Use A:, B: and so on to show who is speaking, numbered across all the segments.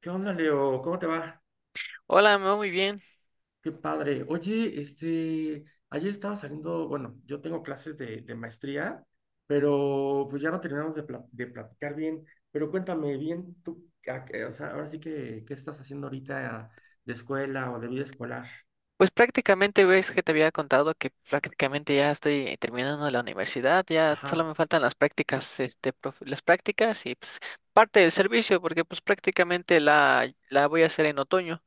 A: ¿Qué onda, Leo? ¿Cómo te va?
B: Hola, me va muy bien.
A: Qué padre. Oye, este, ayer estaba saliendo, bueno, yo tengo clases de maestría, pero pues ya no terminamos de platicar bien. Pero cuéntame bien tú, o sea, ahora sí que, ¿qué estás haciendo ahorita de escuela o de vida escolar?
B: Pues prácticamente ves que te había contado que prácticamente ya estoy terminando la universidad, ya solo
A: Ajá.
B: me faltan las prácticas, las prácticas y pues parte del servicio, porque pues prácticamente la voy a hacer en otoño.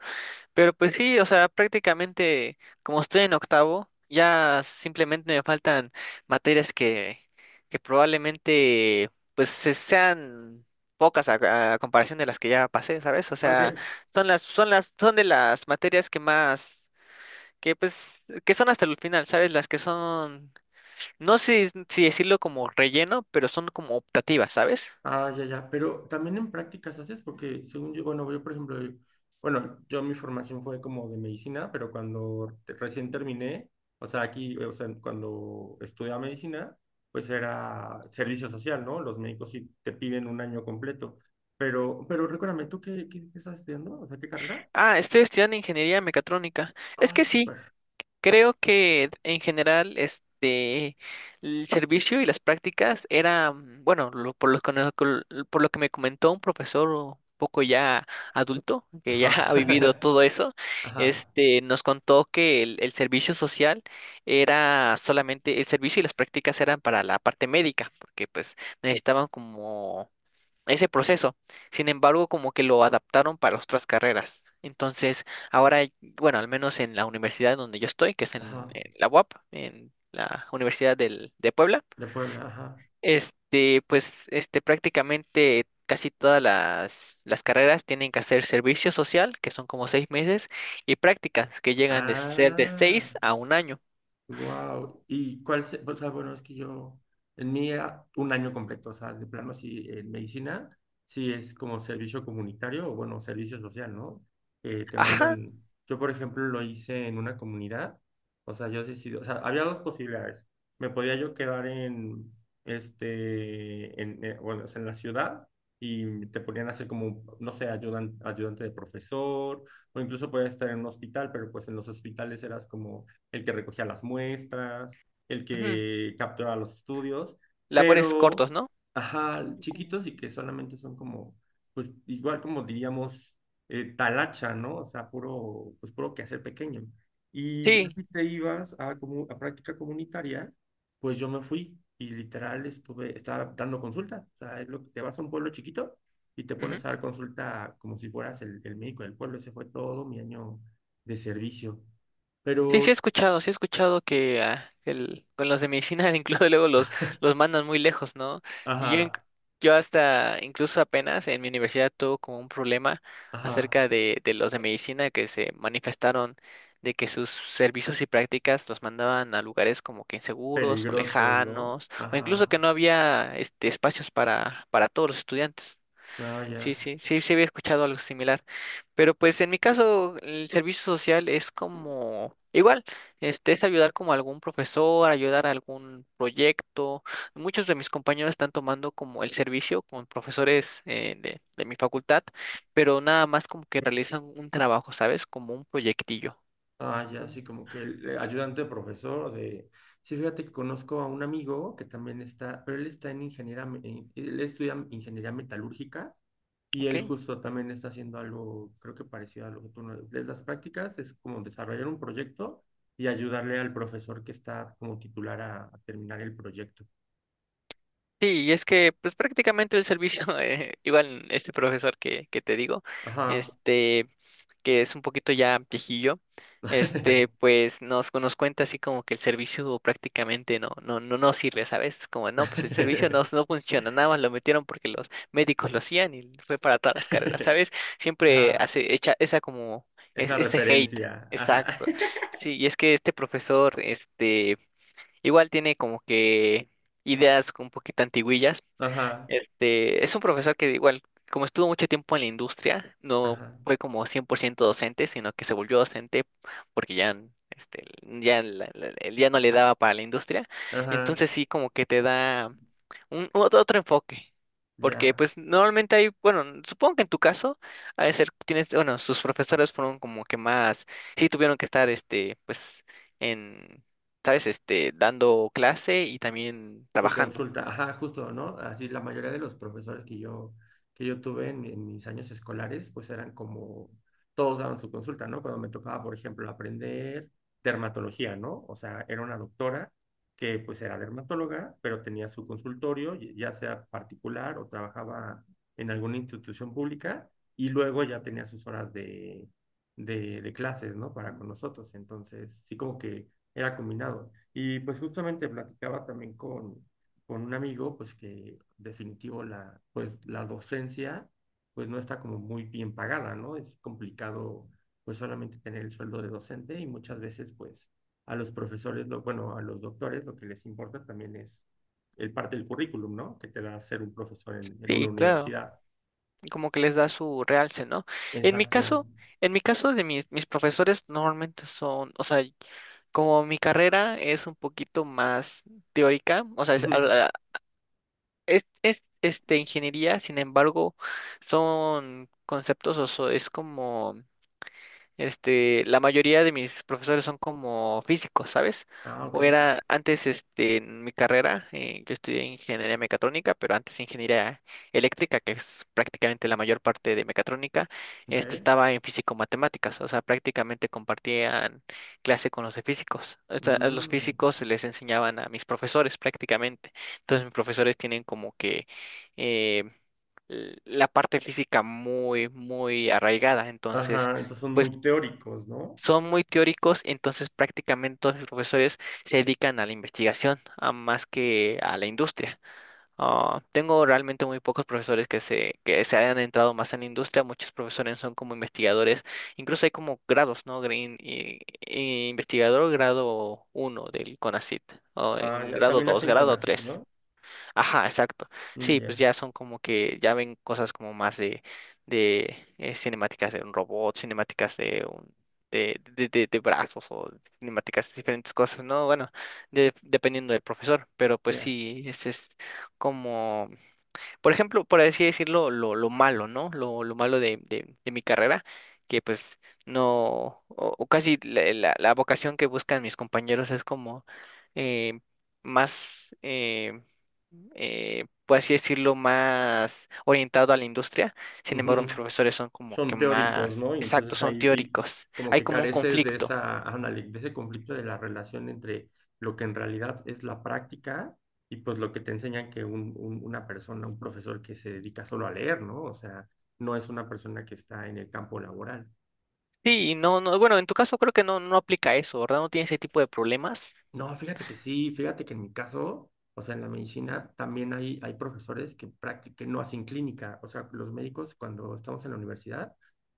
B: Pero pues sí, o sea, prácticamente como estoy en octavo, ya simplemente me faltan materias que probablemente pues sean pocas a comparación de las que ya pasé, ¿sabes? O
A: Ah,
B: sea,
A: ok.
B: son de las materias que más, que pues, que son hasta el final, ¿sabes? Las que son, no sé si decirlo como relleno, pero son como optativas, ¿sabes?
A: Ah, ya, ya, pero también en prácticas haces, porque según yo, bueno, yo por ejemplo, bueno, yo mi formación fue como de medicina, pero recién terminé, o sea, aquí, o sea, cuando estudiaba medicina, pues era servicio social, ¿no? Los médicos sí te piden un año completo, pero recuérdame, ¿tú qué estás estudiando? O sea, ¿qué carrera?
B: Ah, estoy estudiando ingeniería mecatrónica. Es
A: Ah,
B: que sí.
A: súper.
B: Creo que en general el servicio y las prácticas era, bueno, lo- por lo que, no- col- por lo que me comentó un profesor un poco ya adulto, que ya
A: Ajá,
B: ha vivido todo eso,
A: ajá,
B: este Nos contó que el servicio social era solamente el servicio y las prácticas eran para la parte médica, porque pues necesitaban como ese proceso. Sin embargo, como que lo adaptaron para otras carreras. Entonces, ahora, bueno, al menos en la universidad donde yo estoy, que es en,
A: ajá,
B: en la UAP, en la Universidad de Puebla,
A: de Puebla, ajá.
B: pues, prácticamente casi todas las carreras tienen que hacer servicio social, que son como 6 meses, y prácticas, que llegan de ser de
A: Ah.
B: seis a un año.
A: Wow. ¿Y cuál se, o sea, bueno, es que yo, en mí un año completo, o sea, de plano sí, en medicina, sí es como servicio comunitario o bueno, servicio social, ¿no? Que te
B: Ajá,
A: mandan, yo por ejemplo lo hice en una comunidad, o sea, yo decidí, o sea, había dos posibilidades. Me podía yo quedar en, este, bueno, o sea, en la ciudad y te ponían a hacer como, no sé, ayudante de profesor, o incluso podías estar en un hospital, pero pues en los hospitales eras como el que recogía las muestras, el
B: ujú.
A: que capturaba los estudios,
B: Labores cortos,
A: pero,
B: ¿no?
A: ajá,
B: Como-
A: chiquitos y que solamente son como, pues igual como diríamos, talacha, ¿no? O sea, puro, pues puro quehacer pequeño. Y ya
B: Sí.
A: si te ibas a, como a práctica comunitaria, pues yo me fui y literal estaba dando consultas. O sea, es lo que te vas a un pueblo chiquito y te
B: Ujú.
A: pones a dar consulta como si fueras el médico del pueblo. Ese fue todo mi año de servicio.
B: Sí, sí he
A: Pero
B: escuchado, sí he escuchado que con los de medicina incluso luego los mandan muy lejos, ¿no? Y Yo, inc-
A: ajá,
B: yo hasta incluso apenas en mi universidad tuve como un problema
A: ajá,
B: acerca de los de medicina que se manifestaron de que sus servicios y prácticas los mandaban a lugares como que inseguros o
A: peligroso, ¿no?
B: lejanos, o incluso
A: Ajá,
B: que no había espacios para todos los estudiantes.
A: ah,
B: Sí,
A: ya,
B: sí, sí, sí había escuchado algo similar. Pero pues en mi caso, el servicio social es como igual, es ayudar como a algún profesor, ayudar a algún proyecto. Muchos de mis compañeros están tomando como el servicio con profesores de mi facultad, pero nada más como que realizan un trabajo, ¿sabes? Como un proyectillo.
A: ah, ya,
B: Mm.
A: sí, como que el ayudante profesor de... Sí, fíjate que conozco a un amigo que también está, pero él está en ingeniería, él estudia ingeniería metalúrgica y
B: ¿Ok?
A: él justo también está haciendo algo, creo que parecido a lo que tú... de las prácticas es como desarrollar un proyecto y ayudarle al profesor que está como titular a terminar el proyecto.
B: Sí, y es que pues prácticamente el servicio, igual este profesor que te digo,
A: Ajá.
B: este... que es un poquito ya viejillo, pues nos cuenta así como que el servicio prácticamente no, no, no, no sirve, ¿sabes? Es como no, pues el servicio no, no funciona, nada más lo metieron porque los médicos lo hacían y fue para todas las carreras, ¿sabes? Siempre
A: Ajá.
B: echa esa como,
A: Esa
B: ese hate,
A: referencia. Ajá.
B: exacto. Sí, y es que este profesor, igual tiene como que ideas un poquito antiguillas.
A: Ajá.
B: Es un profesor que igual, como estuvo mucho tiempo en la industria, no
A: Ajá.
B: fue como 100% docente, sino que se volvió docente porque ya no le daba para la industria.
A: Ajá.
B: Entonces sí, como que te da otro enfoque. Porque
A: Ya.
B: pues normalmente hay, bueno, supongo que en tu caso, a ser, tienes, bueno, sus profesores fueron como que más, sí tuvieron que estar, pues, en, ¿sabes? Dando clase y también
A: Su
B: trabajando.
A: consulta, ajá, justo, ¿no? Así la mayoría de los profesores que yo tuve en mis años escolares, pues eran como, todos daban su consulta, ¿no? Cuando me tocaba, por ejemplo, aprender dermatología, ¿no? O sea, era una doctora que pues era dermatóloga, pero tenía su consultorio, y- ya sea particular o trabajaba en alguna institución pública, y luego ya tenía sus horas de clases, ¿no? Para con nosotros. Entonces, sí como que era combinado. Y pues justamente platicaba también con un amigo, pues que definitivo la, pues, la docencia pues no está como muy bien pagada, ¿no? Es complicado pues solamente tener el sueldo de docente y muchas veces pues a los profesores, lo, bueno, a los doctores lo que les importa también es el parte del currículum, ¿no? Que te da ser un profesor en una
B: Sí, claro.
A: universidad.
B: Como que les da su realce, ¿no? En mi
A: Exacto.
B: caso, en mi caso de mis profesores normalmente son, o sea, como mi carrera es un poquito más teórica, o sea, es, a
A: Ujú.
B: la- es, este, ingeniería, sin embargo, son conceptos, o so- es como este, la mayoría de mis profesores son como físicos, ¿sabes?
A: Ah, ok,
B: O era antes, en mi carrera, yo estudié ingeniería mecatrónica, pero antes ingeniería eléctrica, que es prácticamente la mayor parte de mecatrónica,
A: ok.
B: estaba en físico-matemáticas, o sea, prácticamente compartían clase con los de físicos. O sea, a los
A: Mm.
B: físicos les enseñaban a mis profesores prácticamente. Entonces, mis profesores tienen como que... eh, l- la parte física muy, muy arraigada, entonces
A: Ajá, entonces son
B: pues,
A: muy teóricos, ¿no?
B: son muy teóricos, entonces prácticamente todos los profesores se dedican a la investigación, a más que a la industria. Ah, tengo realmente muy pocos profesores que se hayan entrado más en la industria, muchos profesores son como investigadores, incluso hay como grados, ¿no? Green, y investigador grado 1 del CONACYT, o
A: Ah,
B: en
A: ya,
B: grado
A: también
B: 2
A: hacen
B: grado
A: CONACYT,
B: tres
A: ¿no?
B: Ajá, exacto.
A: Mm,
B: Sí, pues
A: ya,
B: ya son como que ya ven cosas como más de, cinemáticas de un robot, cinemáticas de un de brazos o cinemáticas de diferentes cosas, ¿no? Bueno, dependiendo del profesor, pero pues
A: ya.
B: sí, ese es como por ejemplo, por así decirlo, lo malo, ¿no? Lo malo de mi carrera, que pues no, o casi la vocación que buscan mis compañeros es como eh, más, por así decirlo, más orientado a la industria. Sin embargo, mis
A: Ujú.
B: profesores son como
A: Son
B: que
A: teóricos,
B: más
A: ¿no? Y
B: exactos,
A: entonces
B: son
A: ahí y
B: teóricos.
A: como
B: Hay
A: que
B: como un
A: careces de
B: conflicto.
A: esa de ese conflicto de la relación entre lo que en realidad es la práctica y pues lo que te enseña que una persona, un profesor que se dedica solo a leer, ¿no? O sea, no es una persona que está en el campo laboral.
B: Sí, y no, no, bueno, en tu caso creo que no, no aplica eso, ¿verdad? No tiene ese tipo de problemas.
A: No, fíjate que sí, fíjate que en mi caso, o sea, en la medicina también hay profesores que, que no hacen clínica, o sea, los médicos cuando estamos en la universidad,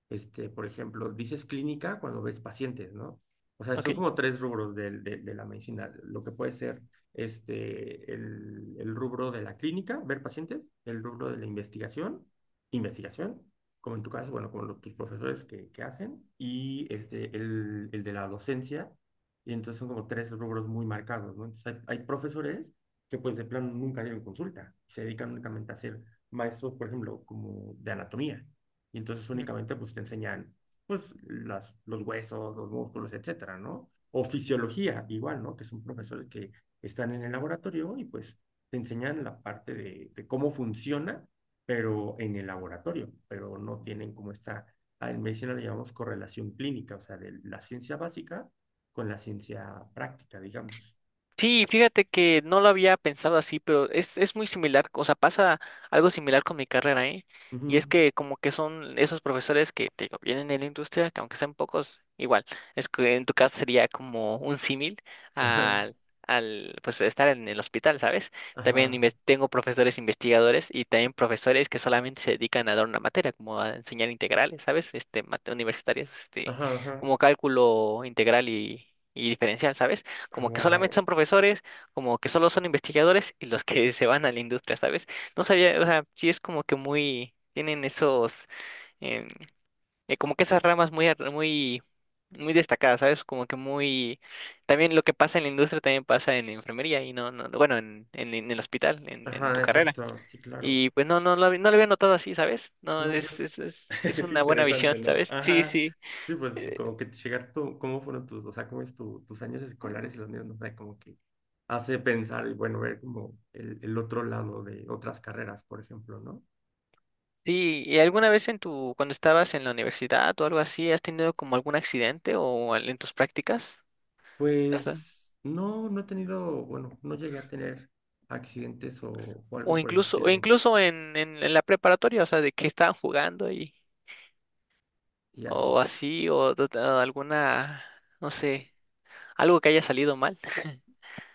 A: este, por ejemplo, dices clínica cuando ves pacientes, ¿no? O sea,
B: Ok.
A: son como tres rubros de la medicina, lo que puede ser este, el rubro de la clínica, ver pacientes, el rubro de investigación, como en tu caso, bueno, como los, tus profesores que hacen, y este, el de la docencia y entonces son como tres rubros muy marcados, ¿no? Entonces hay profesores que pues de plano nunca dieron consulta, se dedican únicamente a ser maestros, por ejemplo, como de anatomía. Y entonces únicamente pues te enseñan pues las, los huesos, los músculos, etcétera, ¿no? O fisiología, igual, ¿no? Que son profesores que están en el laboratorio y pues te enseñan la parte de cómo funciona, pero en el laboratorio, pero no tienen como esta, en medicina le llamamos correlación clínica, o sea, de la ciencia básica con la ciencia práctica, digamos.
B: Sí, fíjate que no lo había pensado así, pero es muy similar, o sea, pasa algo similar con mi carrera, ¿eh? Y
A: Ujú.
B: es que como que son esos profesores que te digo, vienen de la industria, que aunque sean pocos, igual, es que en tu caso sería como un símil al, al, pues, estar en el hospital, ¿sabes? También
A: Ajá,
B: tengo profesores investigadores y también profesores que solamente se dedican a dar una materia, como a enseñar integrales, ¿sabes? Universitarias,
A: ajá, ajá,
B: como cálculo integral y diferencial, ¿sabes? Como que solamente son
A: wow.
B: profesores, como que solo son investigadores y los que se van a la industria, ¿sabes? No sabía, o sea, sí es como que muy, tienen esos, em, como que esas ramas muy, muy, muy destacadas, ¿sabes? Como que muy, también lo que pasa en la industria también pasa en la enfermería y no, no, no, bueno, en el hospital, en tu
A: Ajá,
B: carrera.
A: exacto, sí, claro.
B: Y pues no, no, no lo había notado así, ¿sabes? No,
A: No, yo,
B: es, es, es, es
A: es
B: una buena visión,
A: interesante, ¿no?
B: ¿sabes? Sí,
A: Ajá.
B: sí.
A: Sí, pues como que llegar tú, cómo fueron tus, o sea, cómo es tus años escolares y los míos, no sé, como que hace pensar y bueno, ver como el otro lado de otras carreras, por ejemplo, ¿no?
B: Sí, ¿y alguna vez en tu, cuando estabas en la universidad o algo así, has tenido como algún accidente en tus prácticas? O sea,
A: Pues no, no he tenido, bueno, no llegué a tener accidentes o
B: o
A: algo por el
B: incluso, o
A: estilo
B: incluso en la preparatoria, o sea, de que estaban jugando y,
A: y así.
B: o así, o, de alguna, no sé, algo que haya salido mal.